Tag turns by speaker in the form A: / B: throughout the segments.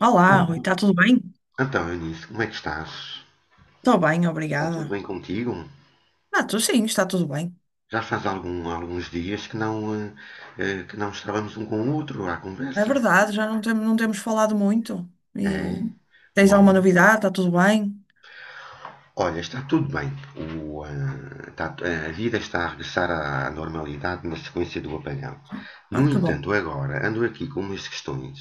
A: Olá, Rui,
B: Bom,
A: está tudo bem?
B: então, Eunice, como é que estás?
A: Estou bem,
B: Está tudo
A: obrigada.
B: bem contigo?
A: Ah, tu sim, está tudo bem.
B: Já faz alguns dias que não estávamos um com o outro à
A: É
B: conversa?
A: verdade, já não, não temos falado muito. E
B: É?
A: tens alguma
B: Bom,
A: novidade? Está tudo bem?
B: olha, está tudo bem. A vida está a regressar à normalidade na sequência do apagão. No
A: Ah, que bom.
B: entanto, agora ando aqui com umas questões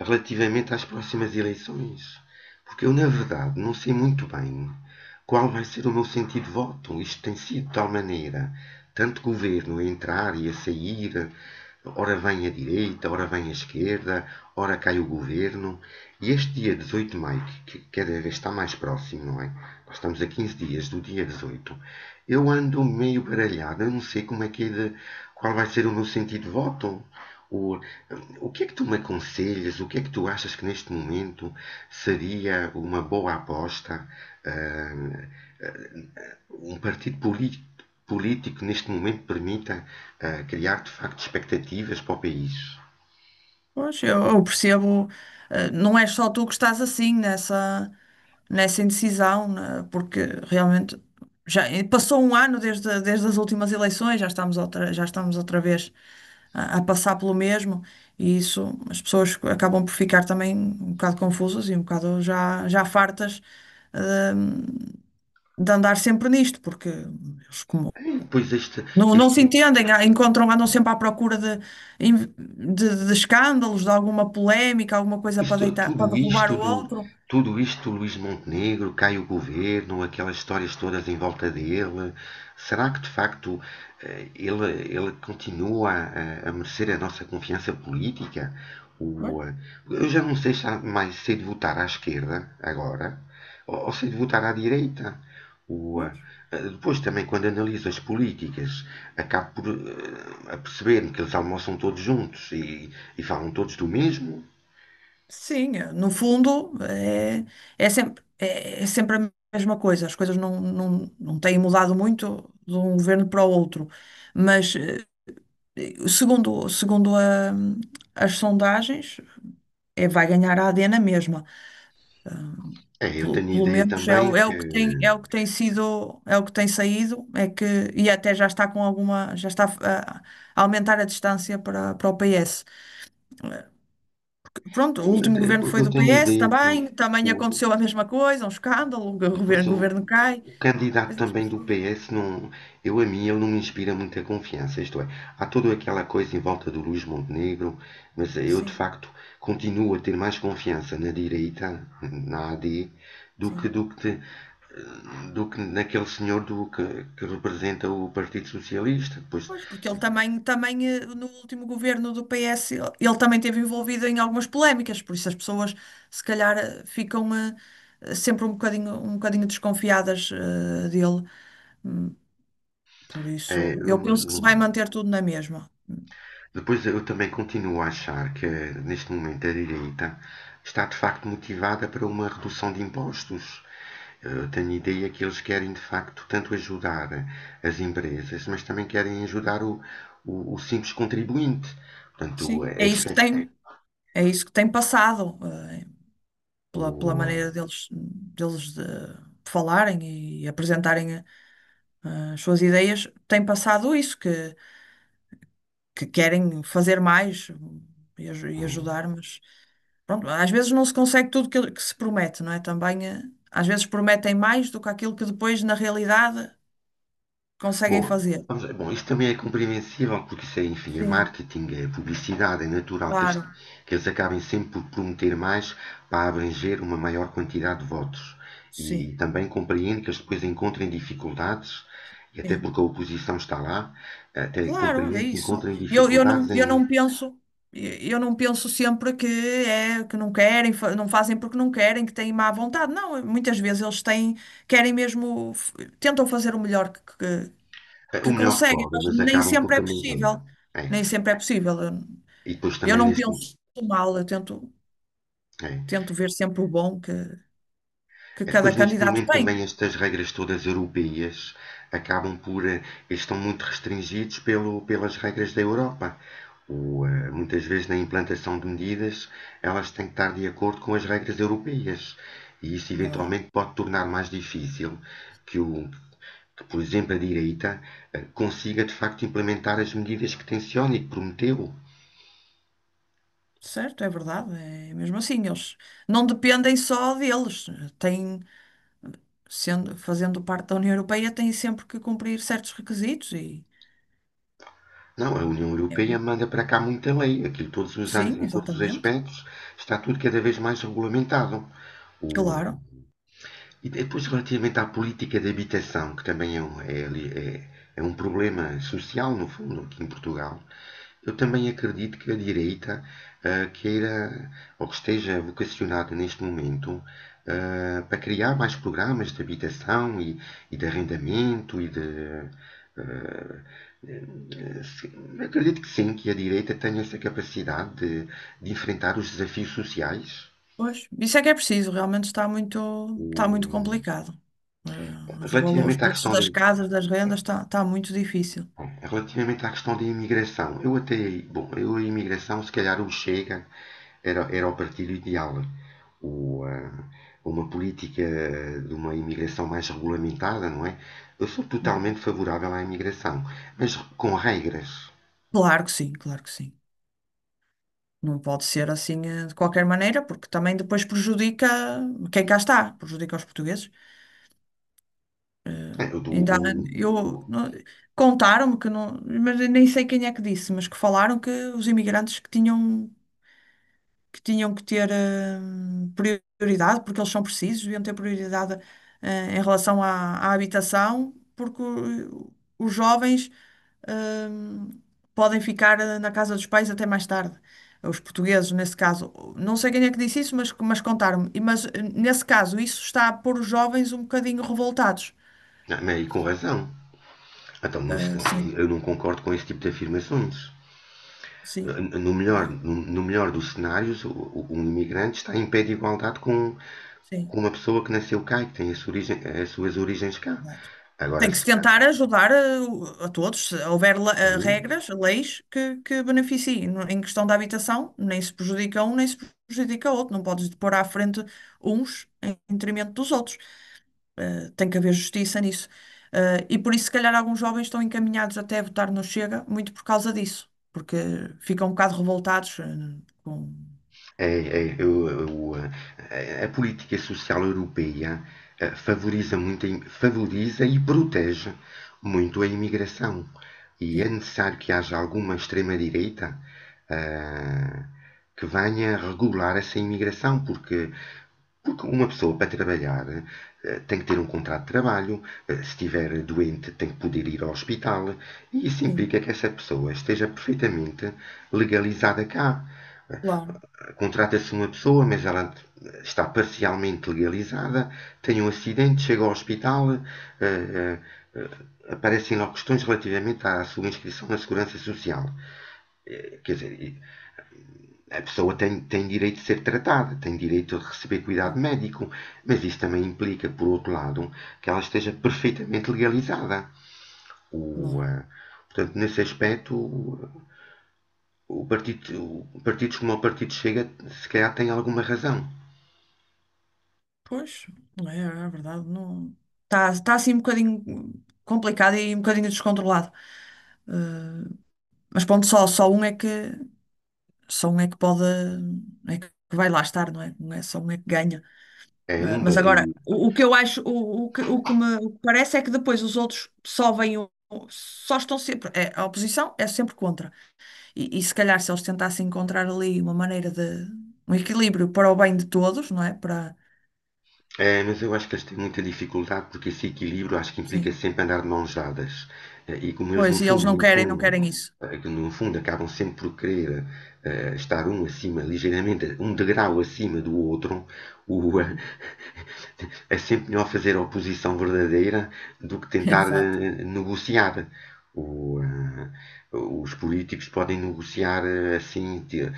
B: relativamente às próximas eleições, porque eu, na verdade, não sei muito bem qual vai ser o meu sentido de voto. Isto tem sido de tal maneira, tanto governo a entrar e a sair, ora vem a direita, ora vem a esquerda, ora cai o governo. E este dia 18 de maio, que cada vez está mais próximo, não é? Nós estamos a 15 dias do dia 18. Eu ando meio baralhado, eu não sei como é que é de, qual vai ser o meu sentido de voto. O, o que é que tu me aconselhas? O que é que tu achas que neste momento seria uma boa aposta, ah, um partido político neste momento permita, criar de facto expectativas para o país.
A: Pois, eu percebo, não é só tu que estás nessa indecisão, né? Porque realmente já passou um ano desde as últimas eleições, já estamos já estamos outra vez a passar pelo mesmo, e isso as pessoas acabam por ficar também um bocado confusas e um bocado já fartas, eh, de andar sempre nisto, porque eles, como
B: E depois
A: não
B: este
A: se entendem, encontram, andam sempre à procura de escândalos, de alguma polémica, alguma coisa para
B: Isto-
A: deitar,
B: tudo
A: para
B: isto
A: derrubar o
B: do,
A: outro.
B: tudo isto do Luís Montenegro, cai o governo, aquelas histórias todas em volta dele. Será que de facto, eh, ele, ele continua a merecer a nossa confiança política? O,
A: Pois,
B: eh, eu já não sei se há mais sei de votar à esquerda agora ou sei de votar à direita. O,
A: pois.
B: eh, Depois também quando analiso as políticas, acabo por, perceber me que eles almoçam todos juntos e falam todos do mesmo.
A: Sim, no fundo é sempre, é sempre a mesma coisa. As coisas não têm mudado muito de um governo para o outro. Mas segundo as sondagens, é, vai ganhar a AD na mesma.
B: É, eu tenho
A: Pelo
B: ideia
A: menos
B: também
A: é
B: que,
A: o que
B: é.
A: tem, é o que tem sido, é o que tem saído, é que, e até já está com alguma, já está a aumentar a distância para o PS. Pronto, o
B: Eu
A: último
B: te-
A: governo foi
B: eu
A: do
B: tenho
A: PS,
B: ideia que
A: também, também
B: o-
A: aconteceu a mesma coisa, um escândalo,
B: depois
A: o
B: o,
A: governo cai,
B: o candidato
A: mas as
B: também do
A: pessoas,
B: PS, não, eu a mim, ele não me inspira muita confiança. Isto é, há toda aquela coisa em volta do Luís Montenegro, mas eu de
A: sim,
B: facto continuo a ter mais confiança na direita, na AD, do que,
A: sim.
B: do que, te- do que naquele senhor que representa o Partido Socialista. Pois,
A: Pois, porque ele também, também no último governo do PS, ele também esteve envolvido em algumas polémicas, por isso as pessoas se calhar ficam sempre um bocadinho desconfiadas dele. Hum, Por
B: é,
A: isso, eu
B: eu
A: penso que se vai
B: não.
A: manter tudo na mesma.
B: Depois eu também continuo a achar que, neste momento, a direita está de facto motivada para uma redução de impostos. Eu tenho ideia que eles querem de facto tanto ajudar as empresas, mas também querem ajudar o simples contribuinte. Portanto,
A: Sim,
B: é expecta,
A: é isso que tem passado, eh, pela, pela
B: o,
A: maneira deles de falarem e apresentarem as suas ideias, tem passado isso, que querem fazer mais e
B: um,
A: ajudar, mas pronto, às vezes não se consegue tudo que se promete, não é? Também às vezes prometem mais do que aquilo que depois, na realidade, conseguem
B: boa.
A: fazer.
B: Vamos lá. Bom, isto também é compreensível, porque isso é, enfim, é
A: Sim,
B: marketing, é publicidade, é natural que, este-
A: claro,
B: que eles acabem sempre por prometer mais para abranger uma maior quantidade de votos.
A: sim,
B: E também compreendo que eles depois encontrem dificuldades, e até
A: sim.
B: porque a oposição está lá, até
A: Claro, é
B: compreendo que
A: isso.
B: encontrem dificuldades
A: Eu
B: em
A: não penso. Eu não penso sempre que é que não querem, não fazem porque não querem, que têm má vontade. Não, muitas vezes eles têm, querem mesmo, tentam fazer o melhor
B: é, o
A: que
B: melhor que
A: conseguem,
B: podem,
A: mas
B: mas
A: nem
B: acabam por
A: sempre é
B: também.
A: possível.
B: É, é.
A: Nem sempre é possível.
B: E depois
A: Eu
B: também
A: não
B: neste,
A: penso mal,
B: é.
A: tento ver sempre o bom que
B: É, depois,
A: cada
B: neste
A: candidato
B: momento,
A: tem.
B: também estas regras todas europeias acabam por, estão muito restringidos pelas regras da Europa. Muitas vezes, na implantação de medidas, elas têm que estar de acordo com as regras europeias. E isso,
A: Verdade.
B: eventualmente, pode tornar mais difícil que, o, que, por exemplo, a direita, consiga, de facto, implementar as medidas que tenciona e que prometeu.
A: Certo, é verdade. É mesmo assim, eles não dependem só deles. Têm, sendo, fazendo parte da União Europeia, têm sempre que cumprir certos requisitos e
B: Não, a União
A: é,
B: Europeia manda para cá muita lei. Aquilo todos os anos,
A: sim,
B: em todos os
A: exatamente.
B: aspectos, está tudo cada vez mais regulamentado. O-
A: Claro.
B: E depois, relativamente à política de habitação, que também é um problema social, no fundo, aqui em Portugal, eu também acredito que a direita, queira, ou que esteja vocacionada neste momento, para criar mais programas de habitação e de arrendamento e de, ah, sim, acredito que sim, que a direita tem essa capacidade de enfrentar os desafios sociais.
A: Pois, isso é que é preciso, realmente está muito
B: O-
A: complicado. Eh, Os valores, os
B: relativamente à
A: preços
B: questão da,
A: das casas, das rendas, está muito difícil.
B: relativamente à questão da imigração, eu até, bom, eu a imigração, se calhar o Chega era o partido ideal. O, ah, uma política de uma imigração mais regulamentada, não é? Eu sou totalmente favorável à imigração, mas com regras.
A: Claro que sim, claro que sim. Não pode ser assim de qualquer maneira, porque também depois prejudica quem cá está, prejudica os portugueses.
B: É, eu dou
A: Ainda,
B: um,
A: eu,
B: o-
A: não- contaram-me que não, mas eu nem sei quem é que disse, mas que falaram que os imigrantes que tinham que ter hum, prioridade, porque eles são precisos, deviam ter prioridade em relação à, à habitação, porque os jovens hum, podem ficar na casa dos pais até mais tarde. Os portugueses, nesse caso, não sei quem é que disse isso, mas contaram-me. Mas, nesse caso, isso está a pôr os jovens um bocadinho revoltados.
B: não, mas e com razão. Então,
A: Ah, sim.
B: eu não concordo com esse tipo de afirmações. Ah,
A: Sim,
B: No melhor,
A: é,
B: no, melhor dos cenários, um imigrante está em pé de igualdade com,
A: sim.
B: com uma pessoa que nasceu cá e que tem as suas origens cá.
A: Exato.
B: Agora,
A: Tem que se tentar ajudar a todos. Se houver
B: sim,
A: regras, leis que beneficiem. Em questão da habitação, nem se prejudica um, nem se prejudica outro. Não podes pôr à frente uns em detrimento dos outros. Tem que haver justiça nisso. E por isso, se calhar, alguns jovens estão encaminhados até a votar no Chega, muito por causa disso. Porque ficam um bocado revoltados, com.
B: A política social europeia, eh, favoriza muito, a favoriza e protege muito a imigração. E é
A: Sim,
B: necessário que haja alguma extrema-direita, ah, que venha regular essa imigração, porque uma pessoa para trabalhar, tem que ter um contrato de trabalho, se estiver doente tem que poder ir ao hospital, e isso
A: sim,
B: implica que essa pessoa esteja perfeitamente legalizada cá. Eh,
A: claro,
B: Contrata-se uma pessoa, mas ela, está parcialmente legalizada, tem um acidente, chega ao hospital, eh, eh, aparecem lá questões relativamente à sua inscrição na Segurança Social. Quer dizer, a pessoa tem, direito de ser tratada, tem direito de receber cuidado
A: sim,
B: médico, mas isso também implica, por outro lado, que ela esteja perfeitamente legalizada. O,
A: claro.
B: ah, portanto, nesse aspecto, partido, partidos como o Partido Chega, se calhar, tem alguma razão.
A: Pois, é, é verdade, não... Está, está assim um bocadinho complicado e um bocadinho descontrolado. Eh, mas pronto, só um é que pode é que vai lá estar, não é? Não é só um é que ganha.
B: É, não,
A: Mas agora, o que eu acho, o que parece é que depois os outros só vêm só estão sempre, é, a oposição é sempre contra. E se calhar se eles tentassem encontrar ali uma maneira de um equilíbrio para o bem de todos, não é? Para,
B: mas eu acho que eles têm muita dificuldade porque esse equilíbrio acho que implica
A: sim.
B: sempre andar de mãos dadas. É, e como eles,
A: Pois,
B: no
A: e eles
B: fundo,
A: não
B: no
A: querem, não
B: fundo,
A: querem isso.
B: Que no fundo acabam sempre por querer, estar um acima, ligeiramente um degrau acima do outro, o, eh,
A: Hum,
B: é sempre melhor fazer oposição verdadeira do que tentar,
A: Exato.
B: negociar. O, eh, os políticos podem negociar,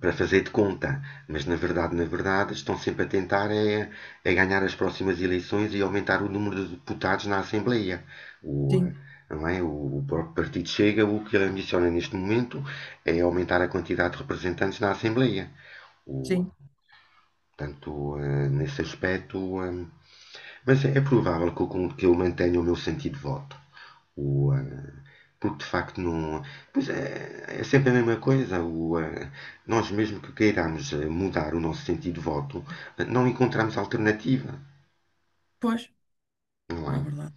B: para fazer de conta, mas na verdade, estão sempre a tentar é ganhar as próximas eleições e aumentar o número de deputados na Assembleia. O, eh,
A: Sim,
B: não é? O próprio Partido Chega, o que ele ambiciona neste momento é aumentar a quantidade de representantes na Assembleia. O,
A: sim.
B: portanto, nesse aspecto. Mas é provável que eu mantenha o meu sentido de voto. O, eh, porque de facto não. Pois é, é sempre a mesma coisa. Nós, mesmo que queiramos, mudar o nosso sentido de voto, não encontramos alternativa.
A: Pois,
B: Não
A: não é
B: é?
A: verdade.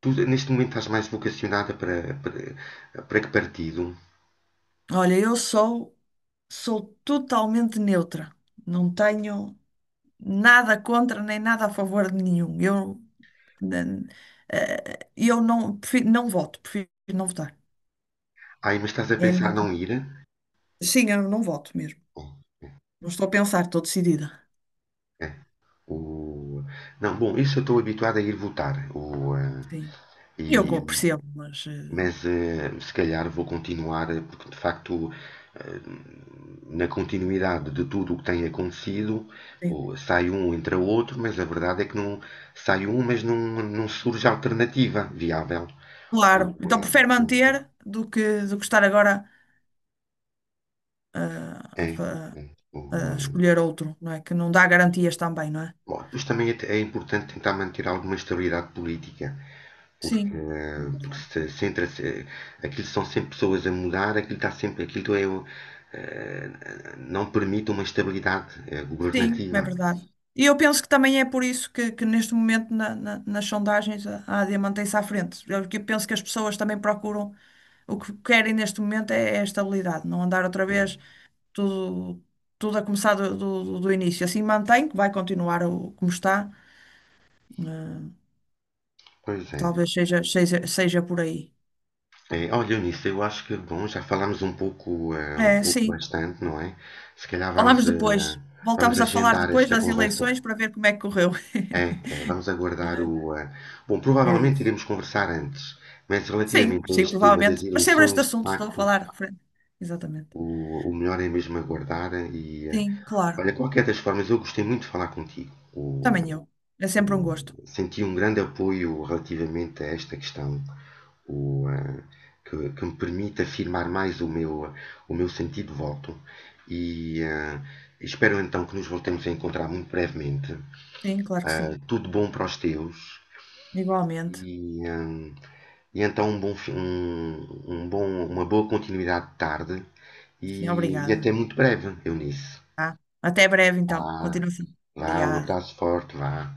B: Tu, neste momento, estás mais vocacionada para, para que partido?
A: Olha, sou totalmente neutra. Não tenho nada contra nem nada a favor de nenhum. Eu, n- eh, eu não, prefiro, não voto, prefiro não votar.
B: Aí, mas estás a
A: É a minha
B: pensar não
A: opinião.
B: ir?
A: Sim, eu não voto mesmo.
B: Bom,
A: Não estou a pensar, estou decidida.
B: é, o... não, bom, isso eu estou habituado a ir votar.
A: Sim.
B: E, e-
A: Percebo, mas
B: mas se calhar vou continuar, porque de facto, eh, na continuidade de tudo o que tem acontecido,
A: sim,
B: sai um, entra outro, mas a verdade é que não sai um, mas não surge alternativa viável.
A: claro.
B: O,
A: Então
B: eh,
A: prefiro
B: o-
A: manter do do que estar agora. a,
B: é,
A: a fa-
B: é, o,
A: a
B: eh,
A: escolher outro, não é? Que não dá garantias também, não é?
B: bom, depois também é importante tentar manter alguma estabilidade política. Porque,
A: Sim, na
B: porque
A: verdade.
B: se centra-se. Aquilo são sempre pessoas a mudar, aquilo está sempre. Aquilo, eh, não permite uma estabilidade,
A: Sim,
B: governativa.
A: é verdade. E eu penso que também é por isso que neste momento nas sondagens a AD mantém-se à frente. Eu penso que as pessoas também procuram o que querem neste momento é a estabilidade, não andar outra
B: Né?
A: vez tudo, tudo a começar do início. Assim mantém, que vai continuar o, como está. eh,
B: Pois é.
A: Talvez seja por aí.
B: Olha, Eunice, eu acho que, bom, já falámos um pouco, um
A: É,
B: pouco
A: sim.
B: bastante, não é? Se calhar vamos,
A: Falámos depois. Voltámos a falar
B: agendar
A: depois
B: esta
A: das
B: conversa.
A: eleições para ver como é que correu.
B: É, é, vamos aguardar o.
A: Não.
B: Bom,
A: É É
B: provavelmente
A: isso.
B: iremos conversar antes, mas
A: Sim,
B: relativamente a
A: sim,
B: este tema das
A: provavelmente. Mas sempre este
B: eleições, de
A: assunto estou a
B: facto,
A: falar referente. Exatamente.
B: o melhor é mesmo aguardar e,
A: Sim, claro.
B: olha, qualquer das formas, eu gostei muito de falar contigo.
A: Também eu. É sempre um
B: O-
A: gosto.
B: senti um grande apoio relativamente a esta questão, o, eh, que me permite afirmar mais o meu sentido de voto. E espero então que nos voltemos a encontrar muito brevemente.
A: Sim, claro que sim.
B: Tudo bom para os teus.
A: Igualmente.
B: E, eh, e então um bom, fi- um bom, uma boa continuidade de tarde
A: Sim,
B: e até
A: obrigada.
B: muito breve, Eunice.
A: Tá? Até breve, então.
B: Vá,
A: Continuação.
B: vá, um
A: Obrigada.
B: abraço forte, vá.